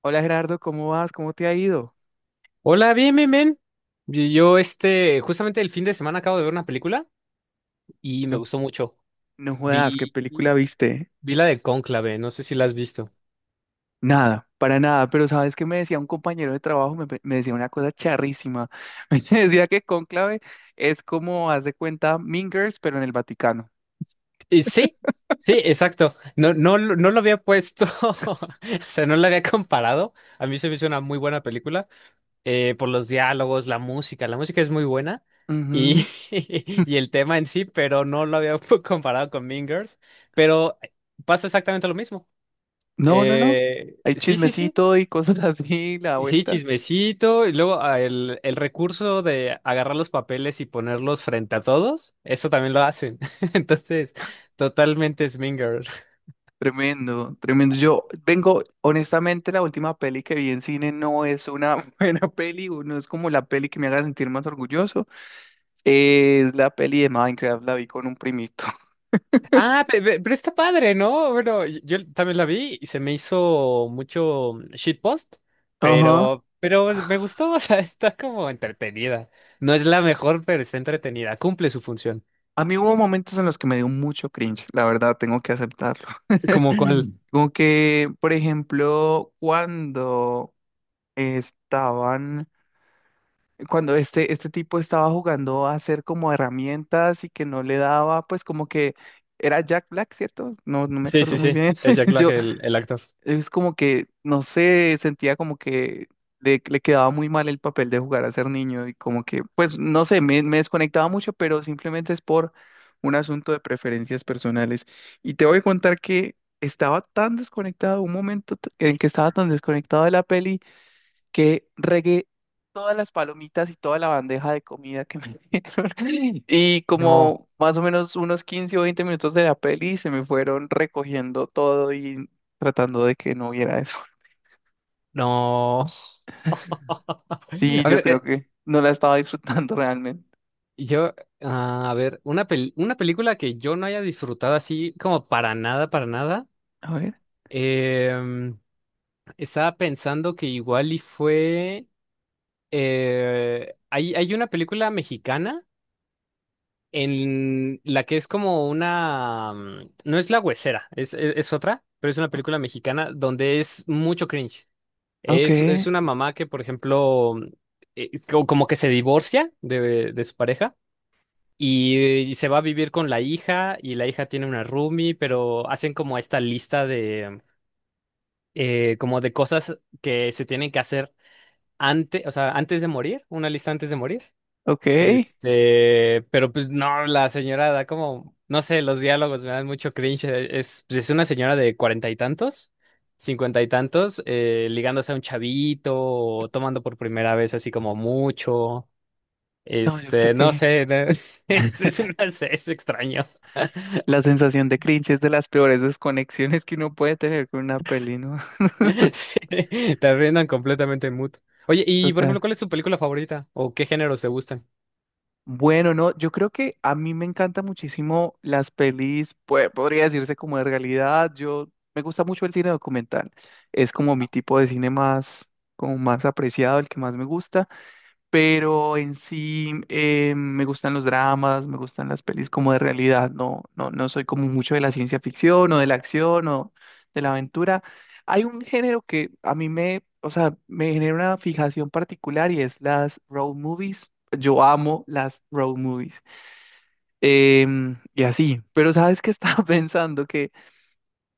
Hola Gerardo, ¿cómo vas? ¿Cómo te ha ido? Hola, bien, bien, bien. Justamente el fin de semana acabo de ver una película y me No, gustó mucho. no jodas, ¿qué Vi, película viste? vi la de Cónclave, no sé si la has visto. Nada, para nada, pero ¿sabes qué me decía un compañero de trabajo? Me decía una cosa charrísima. Me decía que Cónclave es como, haz de cuenta, Mean Girls, pero en el Vaticano. Eh, sí, sí, exacto. No lo había puesto, o sea, no la había comparado. A mí se me hizo una muy buena película, por los diálogos, la música. La música es muy buena y, Ujú. y el tema en sí, pero no lo había comparado con Mean Girls. Pero pasa exactamente lo mismo. No, no, no. Hay Sí, sí, sí. chismecito y cosas así, la Sí, vuelta. chismecito, y luego ah, el recurso de agarrar los papeles y ponerlos frente a todos, eso también lo hacen. Entonces, totalmente Sminger. Tremendo, tremendo. Yo vengo, honestamente, la última peli que vi en cine no es una buena peli, o no es como la peli que me haga sentir más orgulloso. Es la peli de Minecraft, la vi con un primito. Ah, pero está padre, ¿no? Bueno, yo también la vi y se me hizo mucho shitpost, Ajá. Pero pues me gustó, o sea, está como entretenida. No es la mejor, pero está entretenida, cumple su función. A mí hubo momentos en los que me dio mucho cringe, la verdad, tengo que aceptarlo. ¿Como cuál? Como que, por ejemplo, cuando estaban, cuando este tipo estaba jugando a hacer como herramientas y que no le daba, pues como que era Jack Black, ¿cierto? No, no me Sí, acuerdo sí, muy sí, bien. es Jack Black Yo el actor. es como que, no sé, sentía como que le quedaba muy mal el papel de jugar a ser niño y como que, pues, no sé, me desconectaba mucho, pero simplemente es por un asunto de preferencias personales. Y te voy a contar que estaba tan desconectado, en el que estaba tan desconectado de la peli que regué todas las palomitas y toda la bandeja de comida que me dieron. Y No. como más o menos unos 15 o 20 minutos de la peli se me fueron recogiendo todo y tratando de que no hubiera eso. No. Sí, A yo ver, creo que no la estaba disfrutando realmente. Yo, a ver, una película que yo no haya disfrutado así como para nada, para nada. A ver, em, Estaba pensando que igual y fue… hay una película mexicana en la que es como una… no es La Huesera, es otra, pero es una o- película mexicana donde es mucho cringe. ok, Es una mamá que, por ejemplo, como que se divorcia de su pareja. Y, y se va a vivir con la hija y la hija tiene una roomie, pero hacen como esta lista de como de cosas que se tienen que hacer antes, o sea, antes de morir, una lista antes de morir. ok. Este, pero pues no, la señora da como, no sé, los diálogos me dan mucho cringe. Es, pues, es una señora de cuarenta y tantos, cincuenta y tantos, ligándose a un chavito, o tomando por primera vez así como mucho. No, yo creo Este, no que sé, es, no sé, es extraño. la sensación de cringe es de las peores desconexiones que uno puede tener con una peli, ¿no? Sí, te arruinan completamente en mood. Oye, y por Total. ejemplo, ¿cuál es tu película favorita? ¿O qué géneros te gustan? Bueno, no, yo creo que a mí me encantan muchísimo las pelis, pues, podría decirse como de realidad. Yo, me gusta mucho el cine documental. Es como mi tipo de cine más, como más apreciado, el que más me gusta, pero en sí me gustan los dramas, me gustan las pelis como de realidad, no soy como mucho de la ciencia ficción o de la acción o de la aventura. Hay un género que a mí me, o sea, me genera una fijación particular y es las road movies. Yo amo las road movies. Y así, pero sabes que estaba pensando que,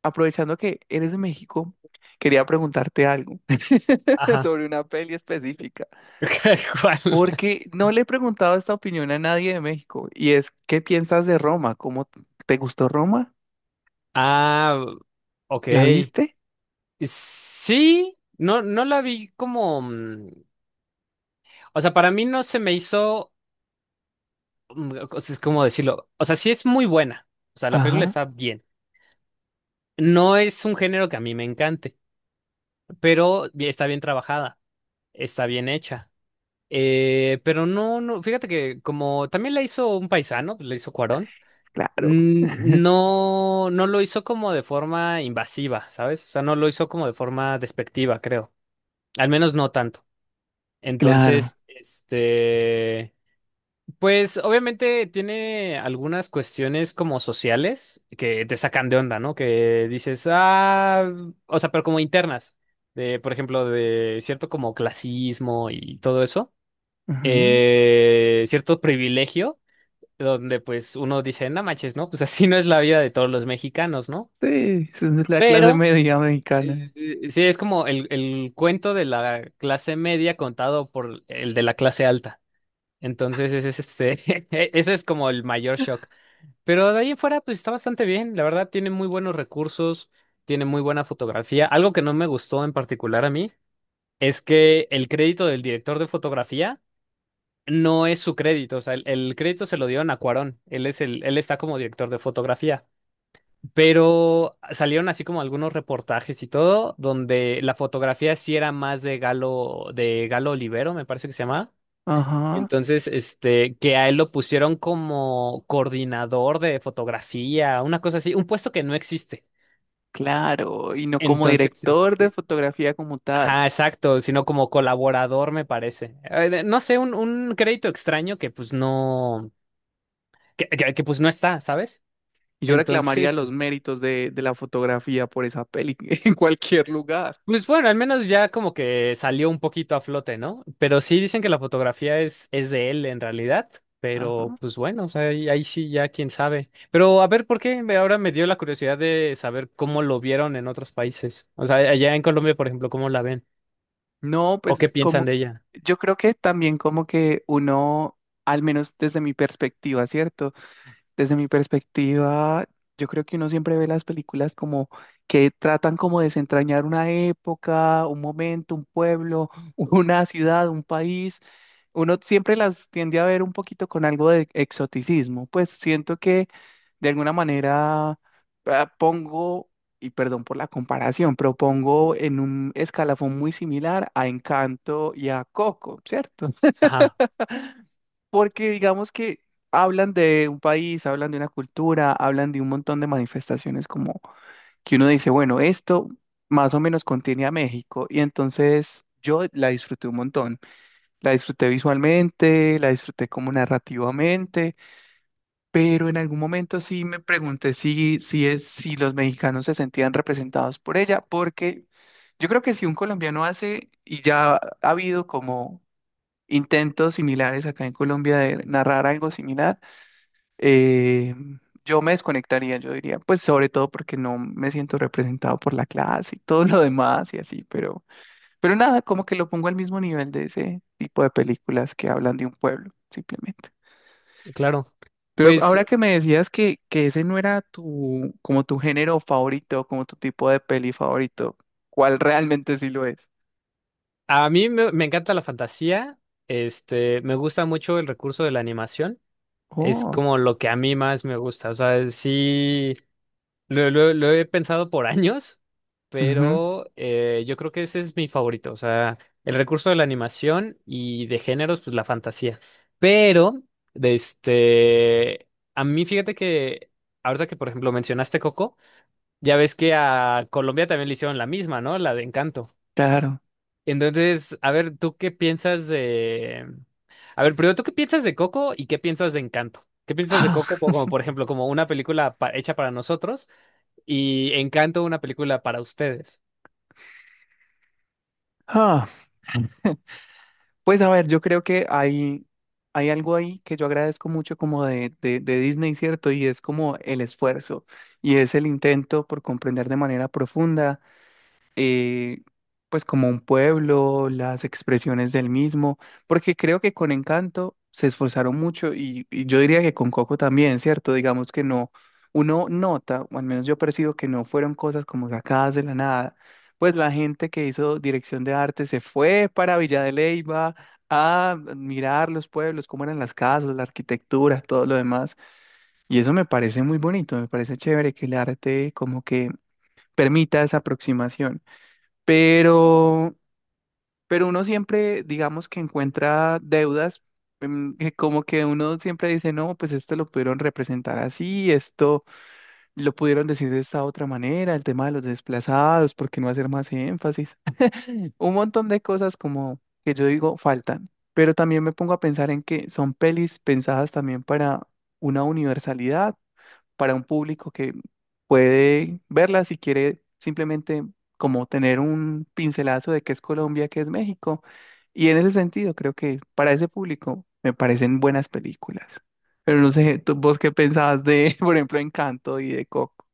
aprovechando que eres de México, quería preguntarte algo Ajá. sobre una peli específica. ¿Cuál? Porque no le he preguntado esta opinión a nadie de México. Y es, ¿qué piensas de Roma? ¿Te gustó Roma? Ah, ¿La ok. viste? Sí, no, no la vi como… o sea, para mí no se me hizo. O sea, es como decirlo. O sea, sí es muy buena. O sea, la película Ajá, está bien. No es un género que a mí me encante, pero está bien trabajada, está bien hecha. Pero no, no, fíjate que como también la hizo un paisano, la hizo Cuarón. claro. N- No, no lo hizo como de forma invasiva, ¿sabes? O sea, no lo hizo como de forma despectiva, creo. Al menos no tanto. Claro. Entonces, este, pues obviamente tiene algunas cuestiones como sociales que te sacan de onda, ¿no? Que dices, ah, o sea, pero como internas, por ejemplo, de cierto como clasismo y todo eso, Ajá. Cierto privilegio donde pues uno dice, no manches, ¿no? Pues así no es la vida de todos los mexicanos, ¿no? Sí, esa es la clase Pero media mexicana. Sí es como el cuento de la clase media contado por el de la clase alta. Entonces, ese es este, ese es como el mayor shock. Pero de ahí en fuera, pues está bastante bien. La verdad, tiene muy buenos recursos, tiene muy buena fotografía. Algo que no me gustó en particular a mí es que el crédito del director de fotografía no es su crédito. O sea, el crédito se lo dieron a Cuarón. Él es el, él está como director de fotografía. Pero salieron así como algunos reportajes y todo, donde la fotografía sí era más de Galo Olivero, me parece que se llama. Ajá, Entonces, este, que a él lo pusieron como coordinador de fotografía, una cosa así, un puesto que no existe. claro. Y no como Entonces, director de este, fotografía como tal. ajá, exacto, sino como colaborador, me parece. No sé, un crédito extraño que pues no, pues no está, ¿sabes? Y yo reclamaría los Entonces, méritos de la fotografía por esa peli en cualquier lugar. pues bueno, al menos ya como que salió un poquito a flote, ¿no? Pero sí dicen que la fotografía es de él en realidad, Ajá. pero pues bueno, o sea, ahí sí ya quién sabe. Pero a ver, ¿ ahora me dio la curiosidad de saber cómo lo vieron en otros países? O sea, allá en Colombia, por ejemplo, ¿cómo la ven? No, ¿O pues qué piensan como de ella? yo creo que también como que uno, al menos desde mi perspectiva, ¿cierto? Desde mi perspectiva, yo creo que uno siempre ve las películas como que tratan como de desentrañar una época, un momento, un pueblo, una ciudad, un país. Uno siempre las tiende a ver un poquito con algo de exoticismo, pues siento que de alguna manera ah, pongo, y perdón por la comparación, pero pongo en un escalafón muy similar a Encanto y a Coco, ¿cierto? Ajá, Porque digamos que hablan de un país, hablan de una cultura, hablan de un montón de manifestaciones como que uno dice, bueno, esto más o menos contiene a México, y entonces yo la disfruté un montón. La disfruté visualmente, la disfruté como narrativamente, pero en algún momento sí me pregunté si los mexicanos se sentían representados por ella, porque yo creo que si un colombiano hace, y ya ha habido como intentos similares acá en Colombia de narrar algo similar, eh, yo me desconectaría, yo diría, pues sobre todo porque no me siento representado por la clase y todo lo demás y así, pero... Pero nada, como que lo pongo al mismo nivel de ese tipo de películas que hablan de un pueblo, simplemente. claro. Pero Pues ahora que me decías que ese no era tu, como tu género favorito, como tu tipo de peli favorito, ¿cuál realmente sí lo es? Me encanta la fantasía, este, me gusta mucho el recurso de la animación, es Oh, como lo que a mí más me gusta, o sea, sí. Lo he pensado por años, ujú, pero yo creo que ese es mi favorito. O sea, el recurso de la animación y de géneros, pues la fantasía. Pero, de este, a mí fíjate que ahorita que, por ejemplo, mencionaste Coco, ya ves que a Colombia también le hicieron la misma, ¿no? La de Encanto. claro. Entonces, a ver, ¿tú qué piensas de… A ver, primero, ¿tú qué piensas de Coco y qué piensas de Encanto? ¿Qué piensas de Ah, Coco como, por ejemplo, como una película hecha para nosotros y Encanto una película para ustedes? ah. Pues a ver, yo creo que hay algo ahí que yo agradezco mucho como de Disney, ¿cierto? Y es como el esfuerzo y es el intento por comprender de manera profunda eh, pues como un pueblo, las expresiones del mismo, porque creo que con Encanto se esforzaron mucho y yo diría que con Coco también, ¿cierto? Digamos que no, uno nota, o al menos yo percibo que no fueron cosas como sacadas de la nada. Pues la gente que hizo dirección de arte se fue para Villa de Leyva a mirar los pueblos, cómo eran las casas, la arquitectura, todo lo demás. Y eso me parece muy bonito, me parece chévere que el arte como que permita esa aproximación. Pero, pero uno siempre, digamos que encuentra deudas, que como que uno siempre dice, no, pues esto lo pudieron representar así, esto lo pudieron decir de esta otra manera, el tema de los desplazados, ¿por qué no hacer más énfasis? Un montón de cosas como que yo digo faltan, pero también me pongo a pensar en que son pelis pensadas también para una universalidad, para un público puede verla si quiere simplemente como tener un pincelazo de qué es Colombia, qué es México. Y en ese sentido, creo que para ese público me parecen buenas películas. Pero no sé, ¿tú, vos qué pensabas de, por ejemplo, Encanto y de Coco?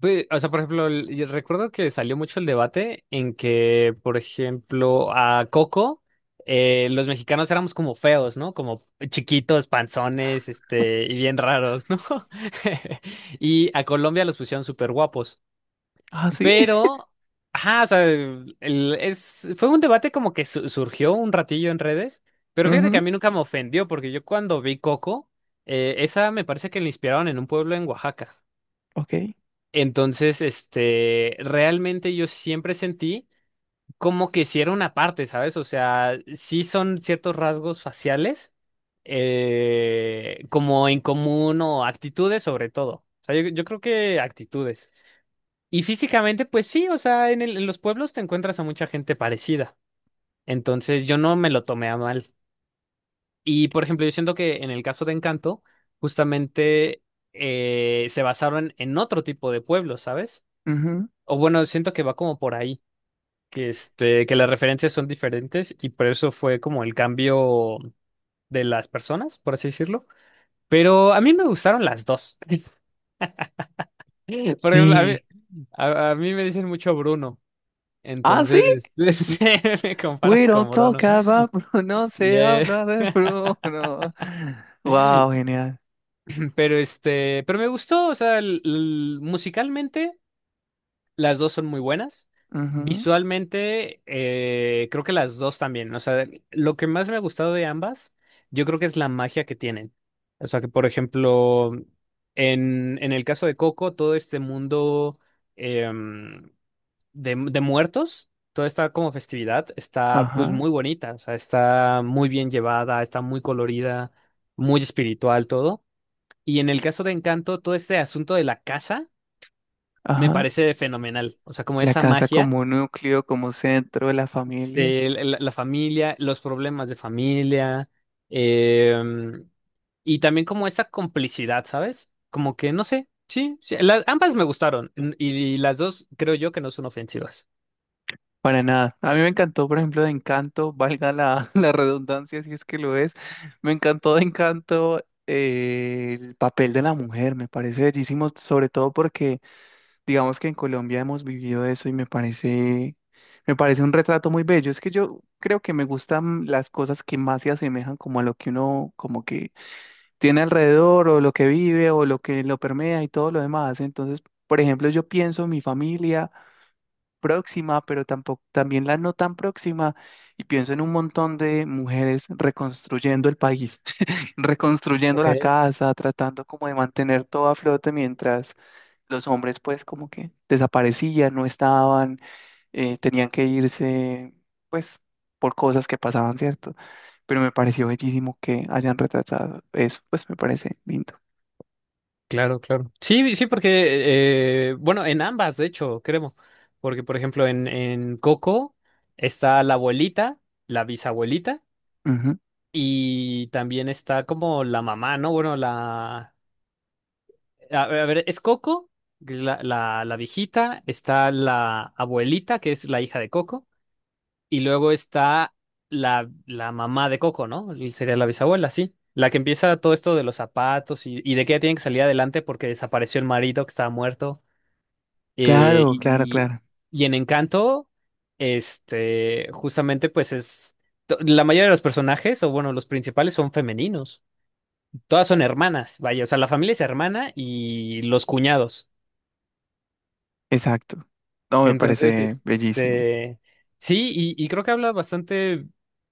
Pues, o sea, por ejemplo, yo recuerdo que salió mucho el debate en que, por ejemplo, a Coco, los mexicanos éramos como feos, ¿no? Como chiquitos, panzones, este, y bien raros, ¿no? Y a Colombia los pusieron súper guapos. Ah, sí. Pero, ajá, o sea, fue un debate como que surgió un ratillo en redes, pero fíjate que a Ujú, mí nunca me ofendió, porque yo cuando vi Coco, esa me parece que la inspiraron en un pueblo en Oaxaca. ok, Entonces, este, realmente yo siempre sentí como que si era una parte, ¿sabes? O sea, sí son ciertos rasgos faciales, como en común o actitudes sobre todo. O sea, yo creo que actitudes. Y físicamente, pues sí, o sea, en en los pueblos te encuentras a mucha gente parecida. Entonces yo no me lo tomé a mal. Y por ejemplo, yo siento que en el caso de Encanto, justamente se basaron en otro tipo de pueblos, ¿sabes? ujú. O bueno, siento que va como por ahí, que, este, que las referencias son diferentes y por eso fue como el cambio de las personas, por así decirlo. Pero a mí me gustaron las dos. Por ejemplo, Sí. A mí me dicen mucho Bruno. Ah, sí. Entonces, N- se me compara We don't con talk Bruno. about Bruno, no Y se habla es- de Bruno. Wow, genial. Pero este, pero me gustó, o sea, musicalmente las dos son muy buenas. Ujú, Visualmente, creo que las dos también. O sea, lo que más me ha gustado de ambas, yo creo que es la magia que tienen. O sea, que por ejemplo, en el caso de Coco, todo este mundo, em, de muertos, toda esta como festividad está pues ajá, muy bonita, o sea, está muy bien llevada, está muy colorida, muy espiritual todo. Y en el caso de Encanto, todo este asunto de la casa me ajá. parece fenomenal, o sea, como La esa casa magia, como núcleo, como centro de la familia, este, familia, los problemas de familia, em, y también como esta complicidad, ¿sabes? Como que, no sé, sí, sí, ambas me gustaron y las dos creo yo que no son ofensivas. para nada. A mí me encantó, por ejemplo, de Encanto, valga la, la redundancia si es que lo es. Me encantó de Encanto el papel de la mujer, me parece bellísimo, sobre todo porque digamos que en Colombia hemos vivido eso y me parece un retrato muy bello. Es que yo creo que me gustan las cosas que más se asemejan como a lo que uno como que tiene alrededor o lo que vive o lo que lo permea y todo lo demás. Entonces, por ejemplo, yo pienso en mi familia próxima, pero tampoco también la no tan próxima y pienso en un montón de mujeres reconstruyendo el país, reconstruyendo la Ok. casa, tratando como de mantener todo a flote mientras los hombres pues como que desaparecían, no estaban, tenían que irse pues por cosas que pasaban, ¿cierto? Pero me pareció bellísimo que hayan retratado eso, pues me parece lindo. Claro, claro. Sí, sí, porque, bueno, en ambas, de hecho, creo. Porque, por ejemplo, en Coco está la abuelita, la bisabuelita, Ujú. y también está como la mamá, ¿no? Bueno, la… A ver, a ver, es Coco, que es la viejita, está la abuelita, que es la hija de Coco, y luego está la mamá de Coco, ¿no? Y sería la bisabuela, sí. La que empieza todo esto de los zapatos y de que ella tiene que salir adelante porque desapareció el marido que estaba muerto. Eh, Claro, claro, y, claro, y en Encanto, este, justamente pues es, la mayoría de los personajes, o bueno, los principales son femeninos. Todas son hermanas, vaya, o sea, la familia es hermana y los cuñados. exacto. No, me Entonces, parece bellísimo. este, sí, y creo que habla bastante,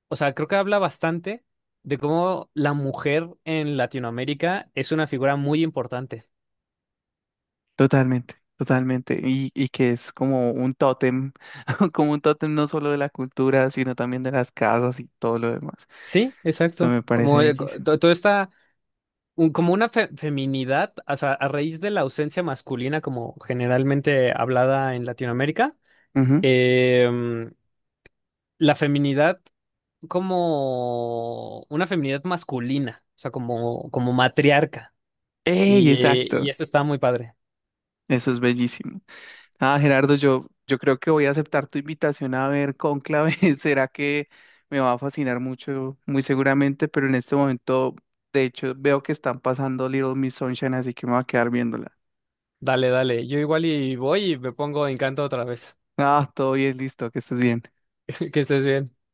o sea, creo que habla bastante de cómo la mujer en Latinoamérica es una figura muy importante. Totalmente, totalmente. Y que es como un tótem, como un tótem no solo de la cultura, sino también de las casas y todo lo demás. Sí, Eso exacto. me parece Como bellísimo. Todo está como una feminidad, o sea, a raíz de la ausencia masculina, como generalmente hablada en Latinoamérica, Ujú. em, la feminidad como una feminidad masculina, o sea, como, como matriarca. ¡Ey! Exacto. Y eso está muy padre. Eso es bellísimo. Ah, Gerardo, yo creo que voy a aceptar tu invitación a ver Cónclave. Será que me va a fascinar mucho, muy seguramente, pero en este momento, de hecho, veo que están pasando Little Miss Sunshine, así que me voy a quedar viéndola. Dale, dale. Yo igual y voy y me pongo Encanto otra vez. Ah, todo bien, listo, que estés bien. Que estés bien.